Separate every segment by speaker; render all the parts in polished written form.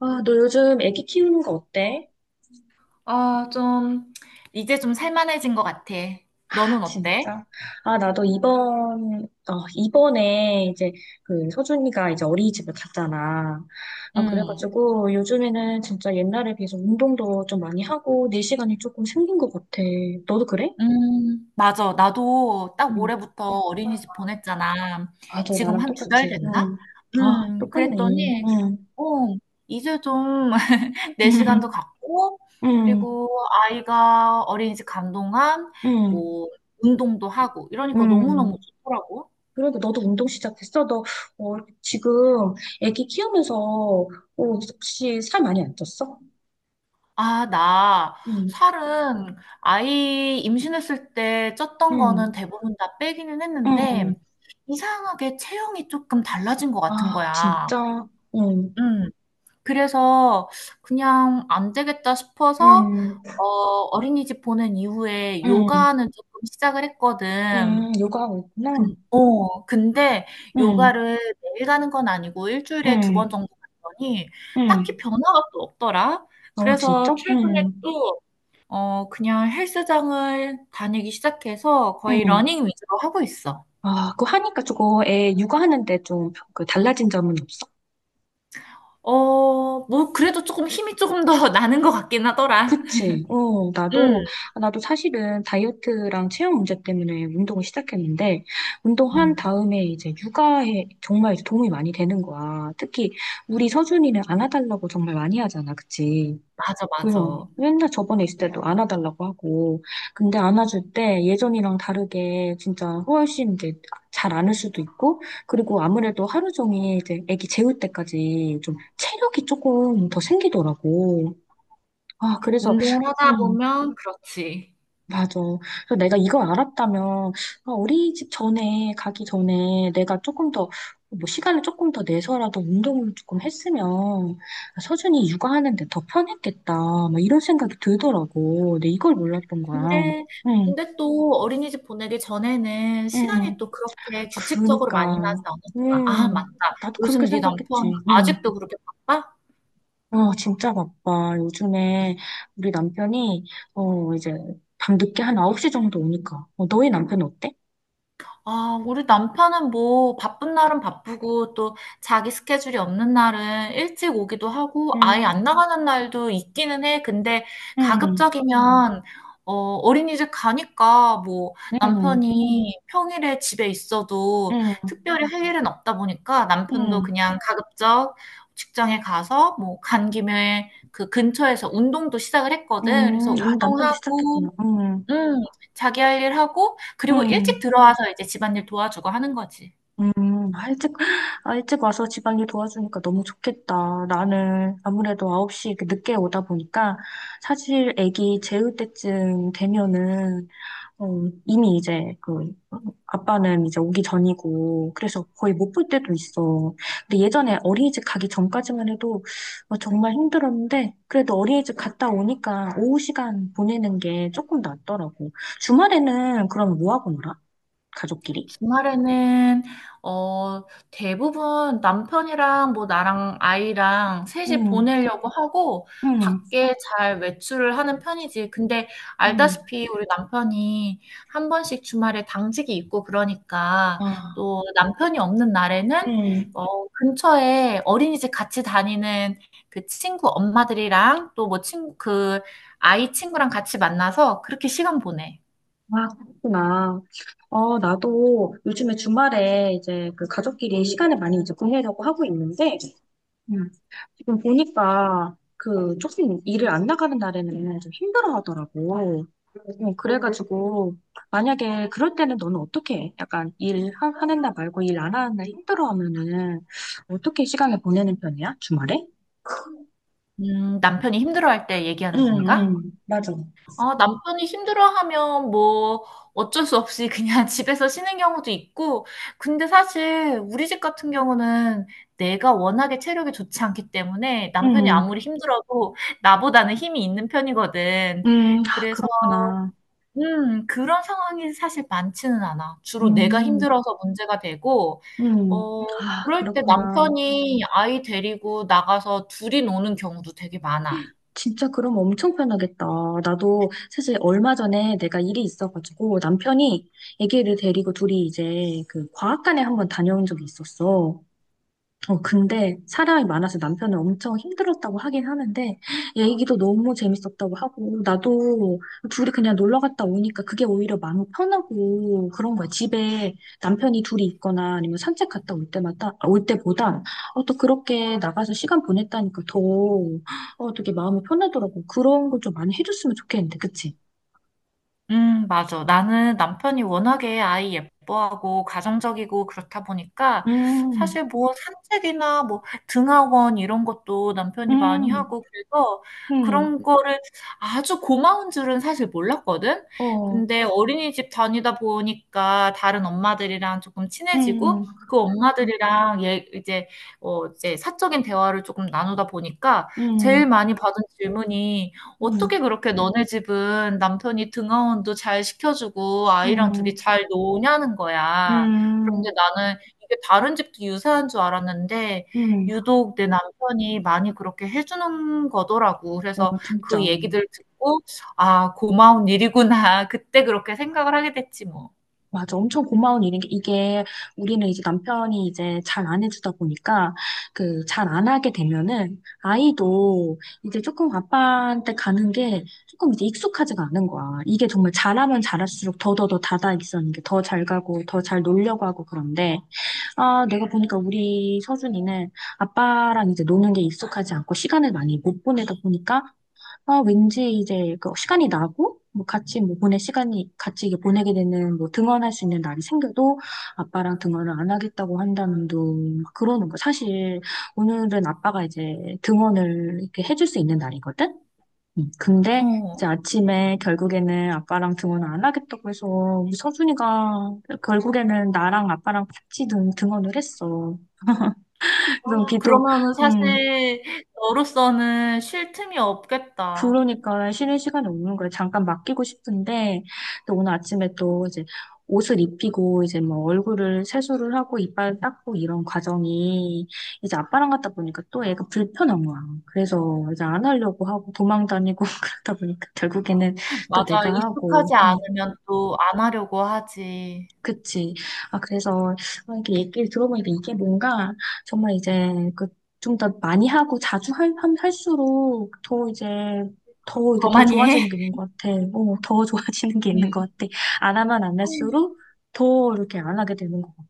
Speaker 1: 아, 너 요즘 애기 키우는 거 어때?
Speaker 2: 아, 좀, 이제 좀 살만해진 것 같아.
Speaker 1: 아,
Speaker 2: 너는 어때?
Speaker 1: 진짜? 아, 나도 이번에 이제 그 서준이가 이제 어린이집을 갔잖아. 아,
Speaker 2: 음,
Speaker 1: 그래가지고 요즘에는 진짜 옛날에 비해서 운동도 좀 많이 하고 내 시간이 조금 생긴 것 같아. 너도 그래?
Speaker 2: 맞아. 나도 딱
Speaker 1: 응.
Speaker 2: 올해부터 어린이집 보냈잖아.
Speaker 1: 아, 저
Speaker 2: 지금
Speaker 1: 나랑
Speaker 2: 한 2달
Speaker 1: 똑같지?
Speaker 2: 됐나?
Speaker 1: 응. 아, 똑같네.
Speaker 2: 그랬더니,
Speaker 1: 응.
Speaker 2: 어, 이제 좀 내
Speaker 1: 응.
Speaker 2: 시간도 갖고,
Speaker 1: 응.
Speaker 2: 그리고 아이가 어린이집 간 동안
Speaker 1: 응.
Speaker 2: 뭐, 운동도 하고, 이러니까 너무너무
Speaker 1: 응.
Speaker 2: 좋더라고.
Speaker 1: 그러니까 너도 운동 시작했어? 너, 어, 지금 애기 키우면서, 어, 혹시 살 많이 안 쪘어?
Speaker 2: 아, 나
Speaker 1: 응,
Speaker 2: 살은 아이 임신했을 때 쪘던
Speaker 1: 응,
Speaker 2: 거는 대부분 다 빼기는
Speaker 1: 응.
Speaker 2: 했는데 이상하게 체형이 조금 달라진 것 같은
Speaker 1: 아,
Speaker 2: 거야.
Speaker 1: 진짜? 응,
Speaker 2: 음, 그래서 그냥 안 되겠다 싶어서
Speaker 1: 응,
Speaker 2: 어, 어린이집 보낸 이후에
Speaker 1: 응,
Speaker 2: 요가는 조금 시작을 했거든.
Speaker 1: 응. 요가하고 있구나.
Speaker 2: 근데
Speaker 1: 응,
Speaker 2: 요가를 매일 가는 건 아니고 일주일에 2번
Speaker 1: 응,
Speaker 2: 정도 갔더니 딱히
Speaker 1: 응.
Speaker 2: 변화가 또 없더라.
Speaker 1: 어,
Speaker 2: 그래서
Speaker 1: 진짜?
Speaker 2: 최근에
Speaker 1: 응,
Speaker 2: 또 그냥 헬스장을 다니기 시작해서 거의
Speaker 1: 응.
Speaker 2: 러닝 위주로 하고 있어.
Speaker 1: 아, 그거 하니까 저거 애 육아하는데 좀 그 달라진 점은 없어?
Speaker 2: 뭐, 그래도 조금 힘이 조금 더 나는 것 같긴 하더라.
Speaker 1: 그치. 어, 나도,
Speaker 2: 응,
Speaker 1: 나도 사실은 다이어트랑 체형 문제 때문에 운동을 시작했는데, 운동한
Speaker 2: 음,
Speaker 1: 다음에 이제 육아에 정말 이제 도움이 많이 되는 거야. 특히 우리 서준이는 안아달라고 정말 많이 하잖아. 그치.
Speaker 2: 맞아,
Speaker 1: 그래
Speaker 2: 맞아.
Speaker 1: 맨날 저번에 있을 때도 안아달라고 하고, 근데 안아줄 때 예전이랑 다르게 진짜 훨씬 이제 잘 안을 수도 있고, 그리고 아무래도 하루 종일 이제 아기 재울 때까지 좀 체력이 조금 더 생기더라고. 아, 그래서
Speaker 2: 운동을 하다
Speaker 1: 음,
Speaker 2: 보면 그렇지.
Speaker 1: 맞아. 그래서 내가 이걸 알았다면, 아, 우리 집 전에, 가기 전에 내가 조금 더, 뭐, 시간을 조금 더 내서라도 운동을 조금 했으면, 아, 서준이 육아하는데 더 편했겠다. 막 이런 생각이 들더라고. 근데 이걸 몰랐던 거야.
Speaker 2: 근데,
Speaker 1: 응,
Speaker 2: 근데 또 어린이집 보내기 전에는
Speaker 1: 응.
Speaker 2: 시간이 또 그렇게 규칙적으로 많이 나지
Speaker 1: 그니까,
Speaker 2: 않았잖아. 아, 맞다.
Speaker 1: 응. 나도 그렇게
Speaker 2: 요즘 네 남편
Speaker 1: 생각했지. 응.
Speaker 2: 아직도 그렇게 바빠?
Speaker 1: 아, 진짜 바빠. 요즘에 우리 남편이, 어, 이제, 밤늦게 한 9시 정도 오니까. 어, 너희 남편 어때?
Speaker 2: 아, 우리 남편은 뭐 바쁜 날은 바쁘고 또 자기 스케줄이 없는 날은 일찍 오기도 하고 아예
Speaker 1: 응.
Speaker 2: 안 나가는 날도 있기는 해. 근데
Speaker 1: 응.
Speaker 2: 가급적이면 어린이집 가니까 뭐
Speaker 1: 응,
Speaker 2: 남편이 평일에 집에 있어도
Speaker 1: 응,
Speaker 2: 특별히 할 일은 없다 보니까 남편도
Speaker 1: 응,
Speaker 2: 그냥 가급적 직장에 가서 뭐 간 김에 그 근처에서 운동도 시작을 했거든. 그래서
Speaker 1: 응. 아, 남편도 시작했구나.
Speaker 2: 운동하고
Speaker 1: 응,
Speaker 2: 음. 자기 할 일 하고 그리고 일찍
Speaker 1: 응,
Speaker 2: 들어와서 이제 집안일 도와주고 하는 거지.
Speaker 1: 응. 아, 일찍, 아, 일찍 와서 집안일 도와주니까 너무 좋겠다. 나는 아무래도 9시 이렇게 늦게 오다 보니까 사실 애기 재울 때쯤 되면은 어, 이미 이제 그 아빠는 이제 오기 전이고 그래서 거의 못 볼 때도 있어. 근데 예전에 어린이집 가기 전까지만 해도 어, 정말 힘들었는데 그래도 어린이집 갔다 오니까 오후 시간 보내는 게 조금 낫더라고. 주말에는 그럼 뭐 하고 놀아? 가족끼리?
Speaker 2: 주말에는 어 대부분 남편이랑 뭐 나랑 아이랑 셋이
Speaker 1: 응,
Speaker 2: 보내려고 하고
Speaker 1: 응,
Speaker 2: 밖에 잘 외출을 하는 편이지. 근데
Speaker 1: 응,
Speaker 2: 알다시피 우리 남편이 한 번씩 주말에 당직이 있고 그러니까
Speaker 1: 아,
Speaker 2: 또 남편이 없는 날에는
Speaker 1: 응.
Speaker 2: 근처에 어린이집 같이 다니는 그 친구 엄마들이랑 또 뭐 친구 그 아이 친구랑 같이 만나서 그렇게 시간 보내.
Speaker 1: 아, 그렇구나. 어, 나도 요즘에 주말에 이제 그 가족끼리 시간을 많이 이제 보내려고 하고 있는데 음. 지금 보니까 그 조금 일을 안 나가는 날에는 좀 힘들어 하더라고. 그래가지고 만약에 그럴 때는 너는 어떻게 해? 약간 일 하는 날 말고 일 안 하는 날 힘들어 하면은 어떻게 시간을 보내는 편이야? 주말에?
Speaker 2: 남편이 힘들어할 때
Speaker 1: 응,
Speaker 2: 얘기하는 건가?
Speaker 1: 응, 맞아.
Speaker 2: 아, 남편이 힘들어하면 뭐 어쩔 수 없이 그냥 집에서 쉬는 경우도 있고, 근데 사실 우리 집 같은 경우는 내가 워낙에 체력이 좋지 않기 때문에 남편이
Speaker 1: 응,
Speaker 2: 아무리 힘들어도 나보다는 힘이 있는 편이거든.
Speaker 1: 응, 아,
Speaker 2: 그래서,
Speaker 1: 그렇구나.
Speaker 2: 그런 상황이 사실 많지는 않아. 주로 내가
Speaker 1: 음,
Speaker 2: 힘들어서 문제가 되고,
Speaker 1: 음,
Speaker 2: 어,
Speaker 1: 아,
Speaker 2: 그럴 때
Speaker 1: 그렇구나.
Speaker 2: 남편이 아이 데리고 나가서 둘이 노는 경우도 되게 많아.
Speaker 1: 진짜 그럼 엄청 편하겠다. 나도 사실 얼마 전에 내가 일이 있어가지고 남편이 아기를 데리고 둘이 이제 그 과학관에 한번 다녀온 적이 있었어. 어, 근데 사람이 많아서 남편은 엄청 힘들었다고 하긴 하는데, 얘기도 너무 재밌었다고 하고, 나도 둘이 그냥 놀러 갔다 오니까 그게 오히려 마음 편하고 그런 거야. 집에 남편이 둘이 있거나 아니면 산책 갔다 올 때마다, 아, 올 때보다, 어, 또 그렇게 나가서 시간 보냈다니까 더, 어, 되게 마음이 편하더라고. 그런 걸 좀 많이 해줬으면 좋겠는데, 그치?
Speaker 2: 맞아. 나는 남편이 워낙에 아이 예뻐하고 가정적이고 그렇다 보니까
Speaker 1: 음,
Speaker 2: 사실 뭐 산책이나 뭐 등하원 이런 것도 남편이 많이
Speaker 1: 음,
Speaker 2: 하고 그래서 그런
Speaker 1: 음,
Speaker 2: 거를 아주 고마운 줄은 사실 몰랐거든.
Speaker 1: 어,
Speaker 2: 근데 어린이집 다니다 보니까 다른 엄마들이랑 조금 친해지고
Speaker 1: 음,
Speaker 2: 그 엄마들이랑 얘 이제 어 이제 사적인 대화를 조금 나누다 보니까 제일
Speaker 1: 음,
Speaker 2: 많이 받은 질문이 어떻게
Speaker 1: 음,
Speaker 2: 그렇게 너네 집은 남편이 등하원도 잘 시켜주고 아이랑
Speaker 1: 음,
Speaker 2: 둘이 잘 노냐는 거야. 그런데
Speaker 1: 음.
Speaker 2: 나는 이게 다른 집도 유사한 줄 알았는데
Speaker 1: 음,
Speaker 2: 유독 내 남편이 많이 그렇게 해주는 거더라고.
Speaker 1: 어,
Speaker 2: 그래서
Speaker 1: 진짜.
Speaker 2: 그 얘기들 듣고 아, 고마운 일이구나. 그때 그렇게 생각을 하게 됐지 뭐.
Speaker 1: 맞아. 엄청 고마운 일인 게, 이게 우리는 이제 남편이 이제 잘 안 해주다 보니까, 그, 잘 안 하게 되면은, 아이도 이제 조금 아빠한테 가는 게 조금 이제 익숙하지가 않은 거야. 이게 정말 잘하면 잘할수록 더더더 다다 있었는게더 잘 가고, 더 잘 놀려고 하고 그런데, 아, 내가 보니까 우리 서준이는 아빠랑 이제 노는 게 익숙하지 않고, 시간을 많이 못 보내다 보니까, 아, 왠지 이제 그 시간이 나고, 뭐 같이 뭐 보낼 시간이, 같이 이게 보내게 되는, 뭐 등원할 수 있는 날이 생겨도 아빠랑 등원을 안 하겠다고 한다는 둥, 막 그러는 거. 사실 오늘은 아빠가 이제 등원을 이렇게 해줄 수 있는 날이거든? 근데
Speaker 2: 어.
Speaker 1: 이제 아침에 결국에는 아빠랑 등원을 안 하겠다고 해서 우리 서준이가 결국에는 나랑 아빠랑 같이 등원을 했어. 그래서
Speaker 2: 아,
Speaker 1: 비도,
Speaker 2: 그러면은
Speaker 1: 음,
Speaker 2: 사실 너로서는 쉴 틈이 없겠다.
Speaker 1: 그러니까 쉬는 시간이 없는 거예요. 잠깐 맡기고 싶은데, 또 오늘 아침에 또 이제 옷을 입히고, 이제 뭐 얼굴을 세수를 하고, 이빨 닦고 이런 과정이 이제 아빠랑 갔다 보니까 또 애가 불편한 거야. 그래서 이제 안 하려고 하고 도망 다니고 그러다 보니까 결국에는 또
Speaker 2: 맞아.
Speaker 1: 내가 하고.
Speaker 2: 익숙하지
Speaker 1: 음.
Speaker 2: 않으면 또 안 하려고 하지.
Speaker 1: 그치. 아, 그래서, 아, 이렇게 얘기를 들어보니까 이게 뭔가, 정말 이제, 그, 좀 더 많이 하고 자주 할수록 더 이제, 더 이게
Speaker 2: 더
Speaker 1: 더
Speaker 2: 많이 해.
Speaker 1: 좋아지는 게 있는 것 같아. 어, 더 좋아지는 게
Speaker 2: 네.
Speaker 1: 있는 것 같아. 안 하면 안 할수록 더 이렇게 안 하게 되는 것 같고.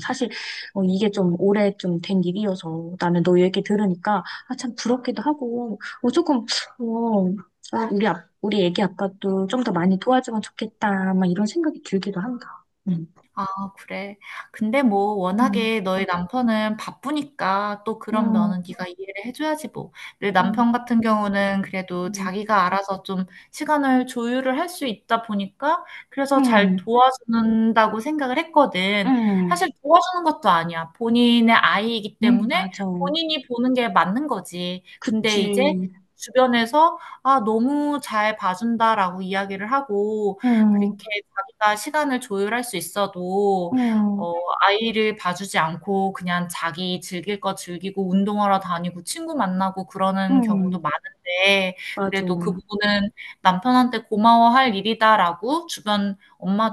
Speaker 1: 사실, 어, 이게 좀 오래 좀 된 일이어서 나는 너 얘기 들으니까, 아, 참 부럽기도 하고, 어, 조금, 어, 아, 우리, 우리 애기 아빠도 좀 더 많이 도와주면 좋겠다, 막 이런 생각이 들기도 한다. 음.
Speaker 2: 아, 그래. 근데 뭐
Speaker 1: 음,
Speaker 2: 워낙에 너희 남편은 바쁘니까 또 그런
Speaker 1: 음,
Speaker 2: 면은 네가 이해를 해줘야지 뭐. 내
Speaker 1: 음,
Speaker 2: 남편 같은 경우는 그래도
Speaker 1: 음,
Speaker 2: 자기가 알아서 좀 시간을 조율을 할 수 있다 보니까 그래서 잘
Speaker 1: 음,
Speaker 2: 도와준다고 생각을 했거든.
Speaker 1: 음,
Speaker 2: 사실 도와주는 것도 아니야. 본인의 아이이기 때문에
Speaker 1: 맞아.
Speaker 2: 본인이 보는 게 맞는 거지. 근데 이제
Speaker 1: 그치.
Speaker 2: 주변에서 아, 너무 잘 봐준다라고 이야기를 하고 그렇게
Speaker 1: 음,
Speaker 2: 자기가 시간을 조율할 수 있어도
Speaker 1: 음,
Speaker 2: 어 아이를 봐주지 않고 그냥 자기 즐길 거 즐기고 운동하러 다니고 친구 만나고 그러는 경우도
Speaker 1: 음,
Speaker 2: 많은데
Speaker 1: 맞아.
Speaker 2: 그래도 그 부분은 '남편한테 고마워할 일이다.'라고 주변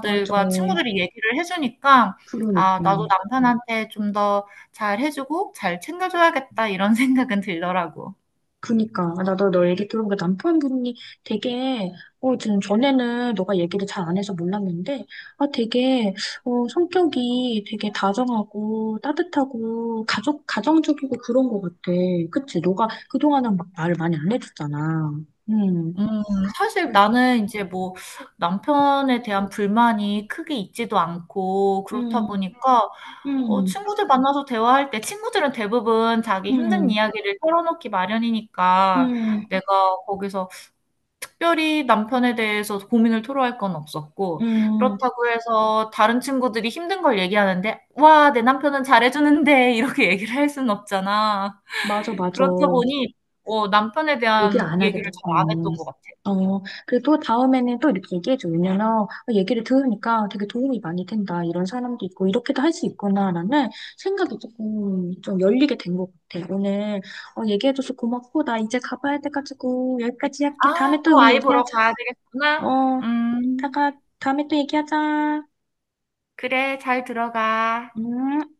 Speaker 1: 맞아.
Speaker 2: 친구들이 얘기를 해 주니까 '아
Speaker 1: 그러니까.
Speaker 2: 나도 남편한테 좀 더 잘해 주고 잘 챙겨 줘야겠다.' 이런 생각은 들더라고.
Speaker 1: 그니까. 나도 너 얘기 들어보니까 남편분이 되게, 어, 지금 전에는 너가 얘기를 잘 안 해서 몰랐는데, 아, 되게, 어, 성격이 되게 다정하고 따뜻하고 가정적이고 그런 것 같아. 그치? 너가 그동안은 막 말을 많이 안 해줬잖아. 음.
Speaker 2: 음 사실 나는 이제 뭐 남편에 대한 불만이 크게 있지도 않고 그렇다
Speaker 1: 음,
Speaker 2: 보니까
Speaker 1: 음,
Speaker 2: 친구들 만나서 대화할 때 친구들은 대부분 자기 힘든
Speaker 1: 음,
Speaker 2: 이야기를 털어놓기
Speaker 1: 음,
Speaker 2: 마련이니까
Speaker 1: 음,
Speaker 2: 내가 거기서 특별히 남편에 대해서 고민을 토로할 건 없었고
Speaker 1: 음.
Speaker 2: 그렇다고 해서 다른 친구들이 힘든 걸 얘기하는데 "와 내 남편은 잘해 주는데." 이렇게 얘기를 할 수는 없잖아.
Speaker 1: 맞아, 맞아.
Speaker 2: 그렇다 보니 남편에
Speaker 1: 얘기를
Speaker 2: 대한
Speaker 1: 안 하게
Speaker 2: 얘기를 잘
Speaker 1: 됐구나.
Speaker 2: 안 했던 것 같아.
Speaker 1: 어, 그리고 또 다음에는 또 이렇게 얘기해줘. 왜냐면, 어, 얘기를 들으니까 되게 도움이 많이 된다. 이런 사람도 있고, 이렇게도 할 수 있구나라는 생각이 조금 좀 열리게 된 것 같아. 오늘, 어, 얘기해줘서 고맙고, 나 이제 가봐야 돼가지고, 여기까지 할게.
Speaker 2: 아,
Speaker 1: 다음에 또
Speaker 2: 또
Speaker 1: 우리
Speaker 2: 아이 보러
Speaker 1: 얘기하자.
Speaker 2: 가야 되겠구나.
Speaker 1: 어,
Speaker 2: 음,
Speaker 1: 이따가, 다음에 또 얘기하자.
Speaker 2: 그래, 잘 들어가.
Speaker 1: 음.